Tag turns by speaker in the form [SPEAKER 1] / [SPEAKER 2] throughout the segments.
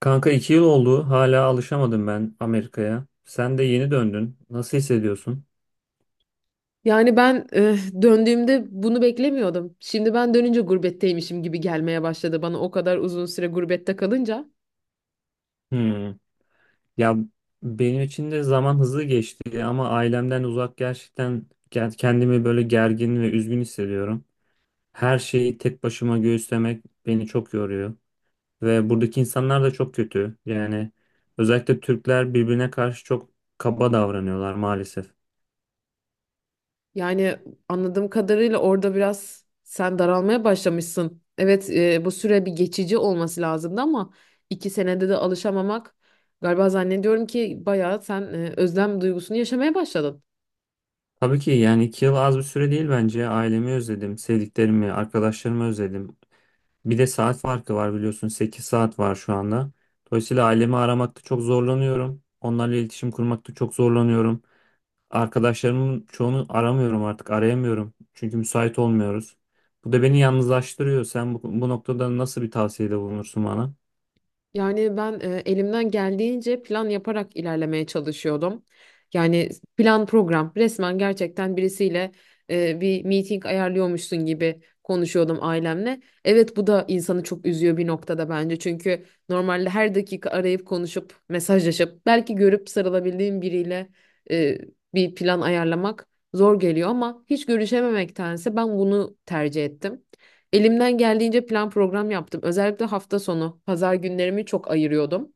[SPEAKER 1] Kanka 2 yıl oldu. Hala alışamadım ben Amerika'ya. Sen de yeni döndün. Nasıl hissediyorsun?
[SPEAKER 2] Yani ben döndüğümde bunu beklemiyordum. Şimdi ben dönünce gurbetteymişim gibi gelmeye başladı bana o kadar uzun süre gurbette kalınca.
[SPEAKER 1] Hmm. Ya benim için de zaman hızlı geçti ama ailemden uzak gerçekten kendimi böyle gergin ve üzgün hissediyorum. Her şeyi tek başıma göğüslemek beni çok yoruyor. Ve buradaki insanlar da çok kötü. Yani özellikle Türkler birbirine karşı çok kaba davranıyorlar maalesef.
[SPEAKER 2] Yani anladığım kadarıyla orada biraz sen daralmaya başlamışsın. Evet bu süre bir geçici olması lazımdı ama 2 senede de alışamamak galiba zannediyorum ki bayağı sen özlem duygusunu yaşamaya başladın.
[SPEAKER 1] Tabii ki yani 2 yıl az bir süre değil bence. Ailemi özledim, sevdiklerimi, arkadaşlarımı özledim. Bir de saat farkı var biliyorsun. 8 saat var şu anda. Dolayısıyla ailemi aramakta çok zorlanıyorum. Onlarla iletişim kurmakta çok zorlanıyorum. Arkadaşlarımın çoğunu aramıyorum artık. Arayamıyorum. Çünkü müsait olmuyoruz. Bu da beni yalnızlaştırıyor. Sen bu noktada nasıl bir tavsiyede bulunursun bana?
[SPEAKER 2] Yani ben elimden geldiğince plan yaparak ilerlemeye çalışıyordum. Yani plan program resmen gerçekten birisiyle bir meeting ayarlıyormuşsun gibi konuşuyordum ailemle. Evet bu da insanı çok üzüyor bir noktada bence. Çünkü normalde her dakika arayıp konuşup mesajlaşıp belki görüp sarılabildiğim biriyle e, bir plan ayarlamak zor geliyor ama hiç görüşememektense ben bunu tercih ettim. Elimden geldiğince plan program yaptım. Özellikle hafta sonu pazar günlerimi çok ayırıyordum.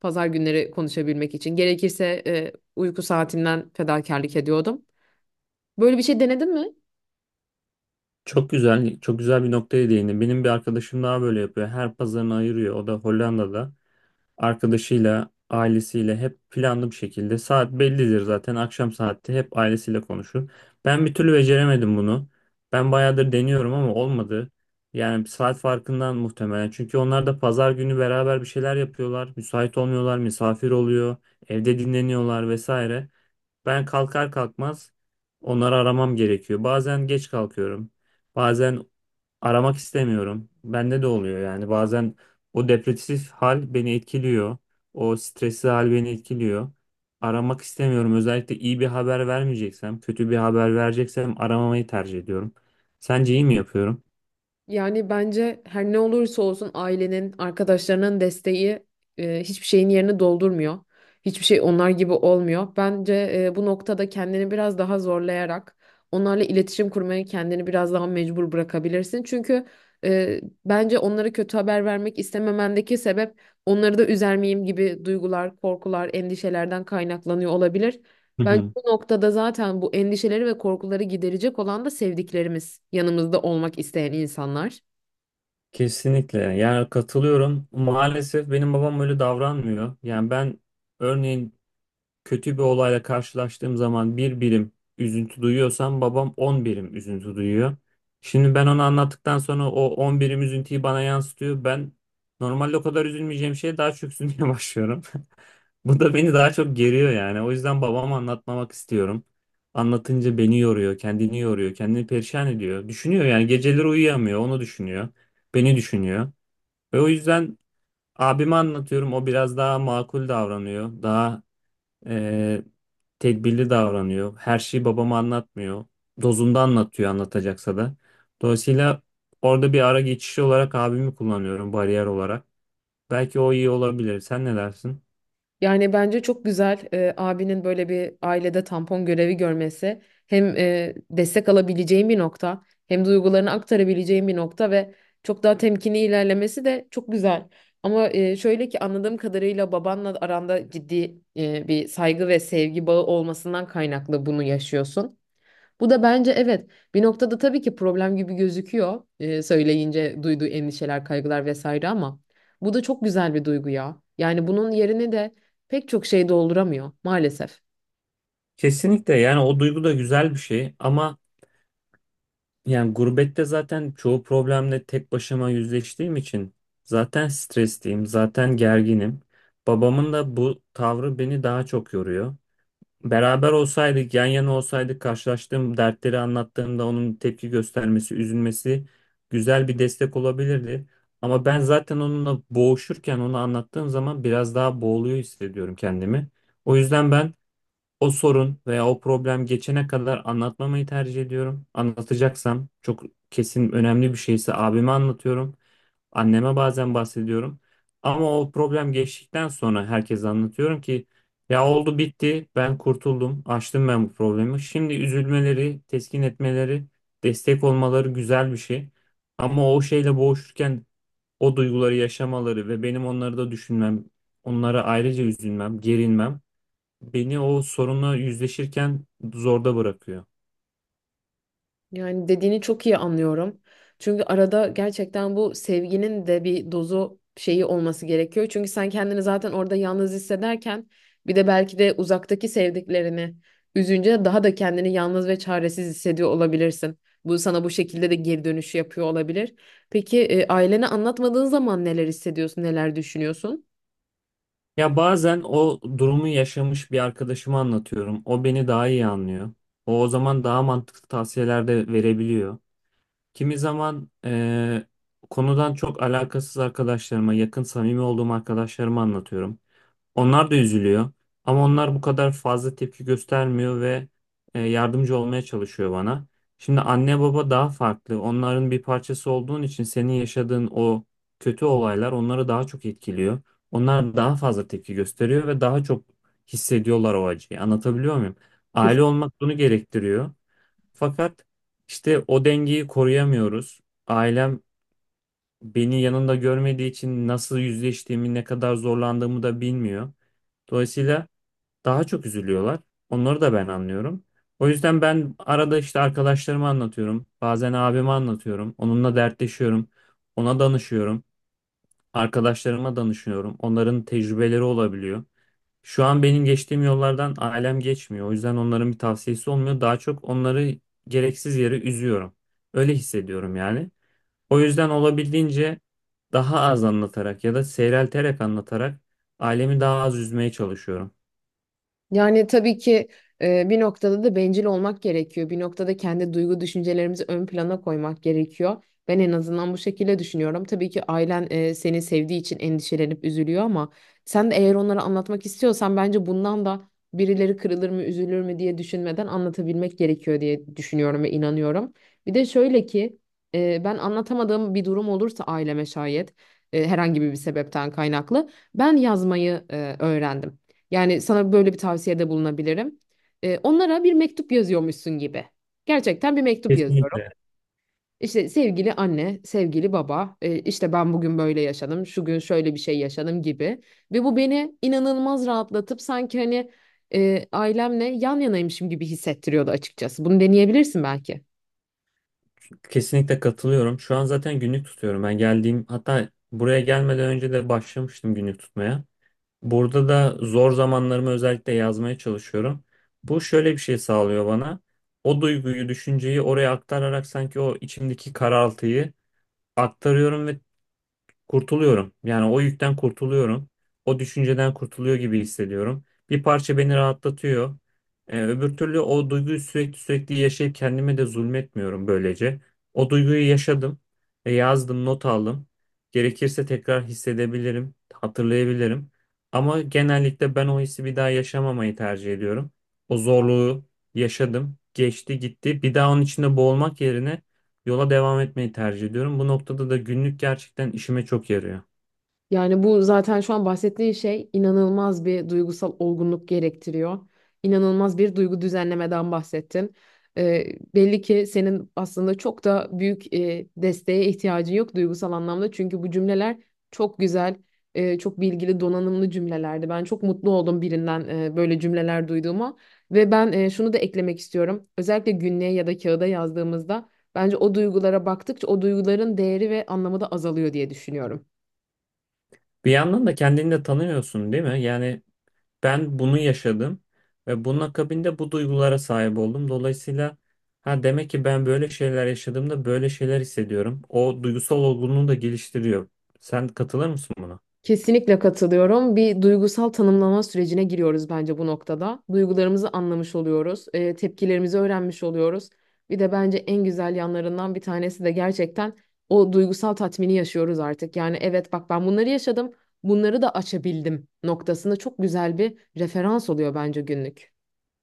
[SPEAKER 2] Pazar günleri konuşabilmek için. Gerekirse uyku saatimden fedakarlık ediyordum. Böyle bir şey denedin mi?
[SPEAKER 1] Çok güzel, çok güzel bir noktaya değindin. Benim bir arkadaşım daha böyle yapıyor. Her pazarını ayırıyor. O da Hollanda'da. Arkadaşıyla, ailesiyle hep planlı bir şekilde. Saat bellidir zaten. Akşam saatte hep ailesiyle konuşur. Ben bir türlü beceremedim bunu. Ben bayağıdır deniyorum ama olmadı. Yani bir saat farkından muhtemelen. Çünkü onlar da pazar günü beraber bir şeyler yapıyorlar. Müsait olmuyorlar, misafir oluyor, evde dinleniyorlar vesaire. Ben kalkar kalkmaz onları aramam gerekiyor. Bazen geç kalkıyorum. Bazen aramak istemiyorum. Bende de oluyor yani bazen o depresif hal beni etkiliyor. O stresli hal beni etkiliyor. Aramak istemiyorum. Özellikle iyi bir haber vermeyeceksem, kötü bir haber vereceksem aramamayı tercih ediyorum. Sence iyi mi yapıyorum?
[SPEAKER 2] Yani bence her ne olursa olsun ailenin, arkadaşlarının desteği hiçbir şeyin yerini doldurmuyor. Hiçbir şey onlar gibi olmuyor. Bence bu noktada kendini biraz daha zorlayarak onlarla iletişim kurmaya kendini biraz daha mecbur bırakabilirsin. Çünkü bence onlara kötü haber vermek istememendeki sebep onları da üzer miyim gibi duygular, korkular, endişelerden kaynaklanıyor olabilir.
[SPEAKER 1] Hı
[SPEAKER 2] Bence
[SPEAKER 1] hı.
[SPEAKER 2] bu noktada zaten bu endişeleri ve korkuları giderecek olan da sevdiklerimiz, yanımızda olmak isteyen insanlar.
[SPEAKER 1] Kesinlikle. Yani katılıyorum. Maalesef benim babam öyle davranmıyor. Yani ben örneğin kötü bir olayla karşılaştığım zaman bir birim üzüntü duyuyorsam babam 10 birim üzüntü duyuyor. Şimdi ben onu anlattıktan sonra o 10 birim üzüntüyü bana yansıtıyor. Ben normalde o kadar üzülmeyeceğim şeye daha çok üzülmeye başlıyorum. Bu da beni daha çok geriyor yani. O yüzden babama anlatmamak istiyorum. Anlatınca beni yoruyor, kendini yoruyor, kendini perişan ediyor. Düşünüyor yani geceleri uyuyamıyor, onu düşünüyor, beni düşünüyor. Ve o yüzden abime anlatıyorum, o biraz daha makul davranıyor, daha ee, tedbirli davranıyor. Her şeyi babama anlatmıyor. Dozunda anlatıyor anlatacaksa da. Dolayısıyla orada bir ara geçişi olarak abimi kullanıyorum bariyer olarak. Belki o iyi olabilir. Sen ne dersin?
[SPEAKER 2] Yani bence çok güzel abinin böyle bir ailede tampon görevi görmesi. Hem destek alabileceğim bir nokta, hem duygularını aktarabileceğim bir nokta ve çok daha temkinli ilerlemesi de çok güzel. Ama şöyle ki anladığım kadarıyla babanla aranda ciddi bir saygı ve sevgi bağı olmasından kaynaklı bunu yaşıyorsun. Bu da bence evet bir noktada tabii ki problem gibi gözüküyor söyleyince duyduğu endişeler, kaygılar vesaire ama bu da çok güzel bir duygu ya. Yani bunun yerini de pek çok şey dolduramıyor maalesef.
[SPEAKER 1] Kesinlikle yani o duygu da güzel bir şey ama yani gurbette zaten çoğu problemle tek başıma yüzleştiğim için zaten stresliyim, zaten gerginim. Babamın da bu tavrı beni daha çok yoruyor. Beraber olsaydık, yan yana olsaydık, karşılaştığım dertleri anlattığımda onun tepki göstermesi, üzülmesi güzel bir destek olabilirdi. Ama ben zaten onunla boğuşurken onu anlattığım zaman biraz daha boğuluyor hissediyorum kendimi. O yüzden ben o sorun veya o problem geçene kadar anlatmamayı tercih ediyorum. Anlatacaksam çok kesin önemli bir şeyse abime anlatıyorum. Anneme bazen bahsediyorum. Ama o problem geçtikten sonra herkese anlatıyorum ki ya oldu bitti ben kurtuldum aştım ben bu problemi. Şimdi üzülmeleri, teskin etmeleri, destek olmaları güzel bir şey. Ama o şeyle boğuşurken o duyguları yaşamaları ve benim onları da düşünmem, onlara ayrıca üzülmem, gerinmem beni o sorunla yüzleşirken zorda bırakıyor.
[SPEAKER 2] Yani dediğini çok iyi anlıyorum. Çünkü arada gerçekten bu sevginin de bir dozu şeyi olması gerekiyor. Çünkü sen kendini zaten orada yalnız hissederken bir de belki de uzaktaki sevdiklerini üzünce daha da kendini yalnız ve çaresiz hissediyor olabilirsin. Bu sana bu şekilde de geri dönüşü yapıyor olabilir. Peki ailene anlatmadığın zaman neler hissediyorsun, neler düşünüyorsun?
[SPEAKER 1] Ya bazen o durumu yaşamış bir arkadaşıma anlatıyorum. O beni daha iyi anlıyor. O zaman daha mantıklı tavsiyeler de verebiliyor. Kimi zaman konudan çok alakasız arkadaşlarıma, yakın samimi olduğum arkadaşlarıma anlatıyorum. Onlar da üzülüyor. Ama onlar bu kadar fazla tepki göstermiyor ve yardımcı olmaya çalışıyor bana. Şimdi anne baba daha farklı. Onların bir parçası olduğun için senin yaşadığın o kötü olaylar onları daha çok etkiliyor. Onlar daha fazla tepki gösteriyor ve daha çok hissediyorlar o acıyı. Anlatabiliyor muyum? Aile olmak bunu gerektiriyor. Fakat işte o dengeyi koruyamıyoruz. Ailem beni yanında görmediği için nasıl yüzleştiğimi, ne kadar zorlandığımı da bilmiyor. Dolayısıyla daha çok üzülüyorlar. Onları da ben anlıyorum. O yüzden ben arada işte arkadaşlarıma anlatıyorum. Bazen abime anlatıyorum. Onunla dertleşiyorum. Ona danışıyorum. Arkadaşlarıma danışıyorum. Onların tecrübeleri olabiliyor. Şu an benim geçtiğim yollardan ailem geçmiyor. O yüzden onların bir tavsiyesi olmuyor. Daha çok onları gereksiz yere üzüyorum. Öyle hissediyorum yani. O yüzden olabildiğince daha az anlatarak ya da seyrelterek anlatarak ailemi daha az üzmeye çalışıyorum.
[SPEAKER 2] Yani tabii ki bir noktada da bencil olmak gerekiyor. Bir noktada kendi duygu düşüncelerimizi ön plana koymak gerekiyor. Ben en azından bu şekilde düşünüyorum. Tabii ki ailen seni sevdiği için endişelenip üzülüyor ama sen de eğer onlara anlatmak istiyorsan bence bundan da birileri kırılır mı, üzülür mü diye düşünmeden anlatabilmek gerekiyor diye düşünüyorum ve inanıyorum. Bir de şöyle ki ben anlatamadığım bir durum olursa aileme şayet herhangi bir sebepten kaynaklı ben yazmayı öğrendim. Yani sana böyle bir tavsiyede bulunabilirim. Onlara bir mektup yazıyormuşsun gibi. Gerçekten bir mektup yazıyorum.
[SPEAKER 1] Kesinlikle.
[SPEAKER 2] İşte sevgili anne, sevgili baba, işte ben bugün böyle yaşadım, şu gün şöyle bir şey yaşadım gibi. Ve bu beni inanılmaz rahatlatıp sanki hani ailemle yan yanaymışım gibi hissettiriyordu açıkçası. Bunu deneyebilirsin belki.
[SPEAKER 1] Kesinlikle katılıyorum. Şu an zaten günlük tutuyorum. Ben geldiğim hatta buraya gelmeden önce de başlamıştım günlük tutmaya. Burada da zor zamanlarımı özellikle yazmaya çalışıyorum. Bu şöyle bir şey sağlıyor bana. O duyguyu, düşünceyi oraya aktararak sanki o içimdeki karaltıyı aktarıyorum ve kurtuluyorum. Yani o yükten kurtuluyorum. O düşünceden kurtuluyor gibi hissediyorum. Bir parça beni rahatlatıyor. Öbür türlü o duyguyu sürekli sürekli yaşayıp kendime de zulmetmiyorum böylece. O duyguyu yaşadım, yazdım, not aldım. Gerekirse tekrar hissedebilirim, hatırlayabilirim. Ama genellikle ben o hissi bir daha yaşamamayı tercih ediyorum. O zorluğu yaşadım, geçti gitti. Bir daha onun içinde boğulmak yerine yola devam etmeyi tercih ediyorum. Bu noktada da günlük gerçekten işime çok yarıyor.
[SPEAKER 2] Yani bu zaten şu an bahsettiğin şey inanılmaz bir duygusal olgunluk gerektiriyor. İnanılmaz bir duygu düzenlemeden bahsettin. Ee, Belli ki senin aslında çok da büyük desteğe ihtiyacın yok duygusal anlamda. Çünkü bu cümleler çok güzel, çok bilgili, donanımlı cümlelerdi. Ben çok mutlu oldum birinden böyle cümleler duyduğuma. Ve ben şunu da eklemek istiyorum. Özellikle günlüğe ya da kağıda yazdığımızda bence o duygulara baktıkça o duyguların değeri ve anlamı da azalıyor diye düşünüyorum.
[SPEAKER 1] Bir yandan da kendini de tanıyorsun, değil mi? Yani ben bunu yaşadım ve bunun akabinde bu duygulara sahip oldum. Dolayısıyla ha demek ki ben böyle şeyler yaşadığımda böyle şeyler hissediyorum. O duygusal olgunluğu da geliştiriyor. Sen katılır mısın buna?
[SPEAKER 2] Kesinlikle katılıyorum. Bir duygusal tanımlama sürecine giriyoruz bence bu noktada. Duygularımızı anlamış oluyoruz, tepkilerimizi öğrenmiş oluyoruz. Bir de bence en güzel yanlarından bir tanesi de gerçekten o duygusal tatmini yaşıyoruz artık. Yani evet bak ben bunları yaşadım, bunları da açabildim noktasında çok güzel bir referans oluyor bence günlük.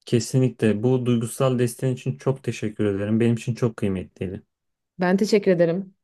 [SPEAKER 1] Kesinlikle. Bu duygusal desteğin için çok teşekkür ederim. Benim için çok kıymetliydi.
[SPEAKER 2] Ben teşekkür ederim.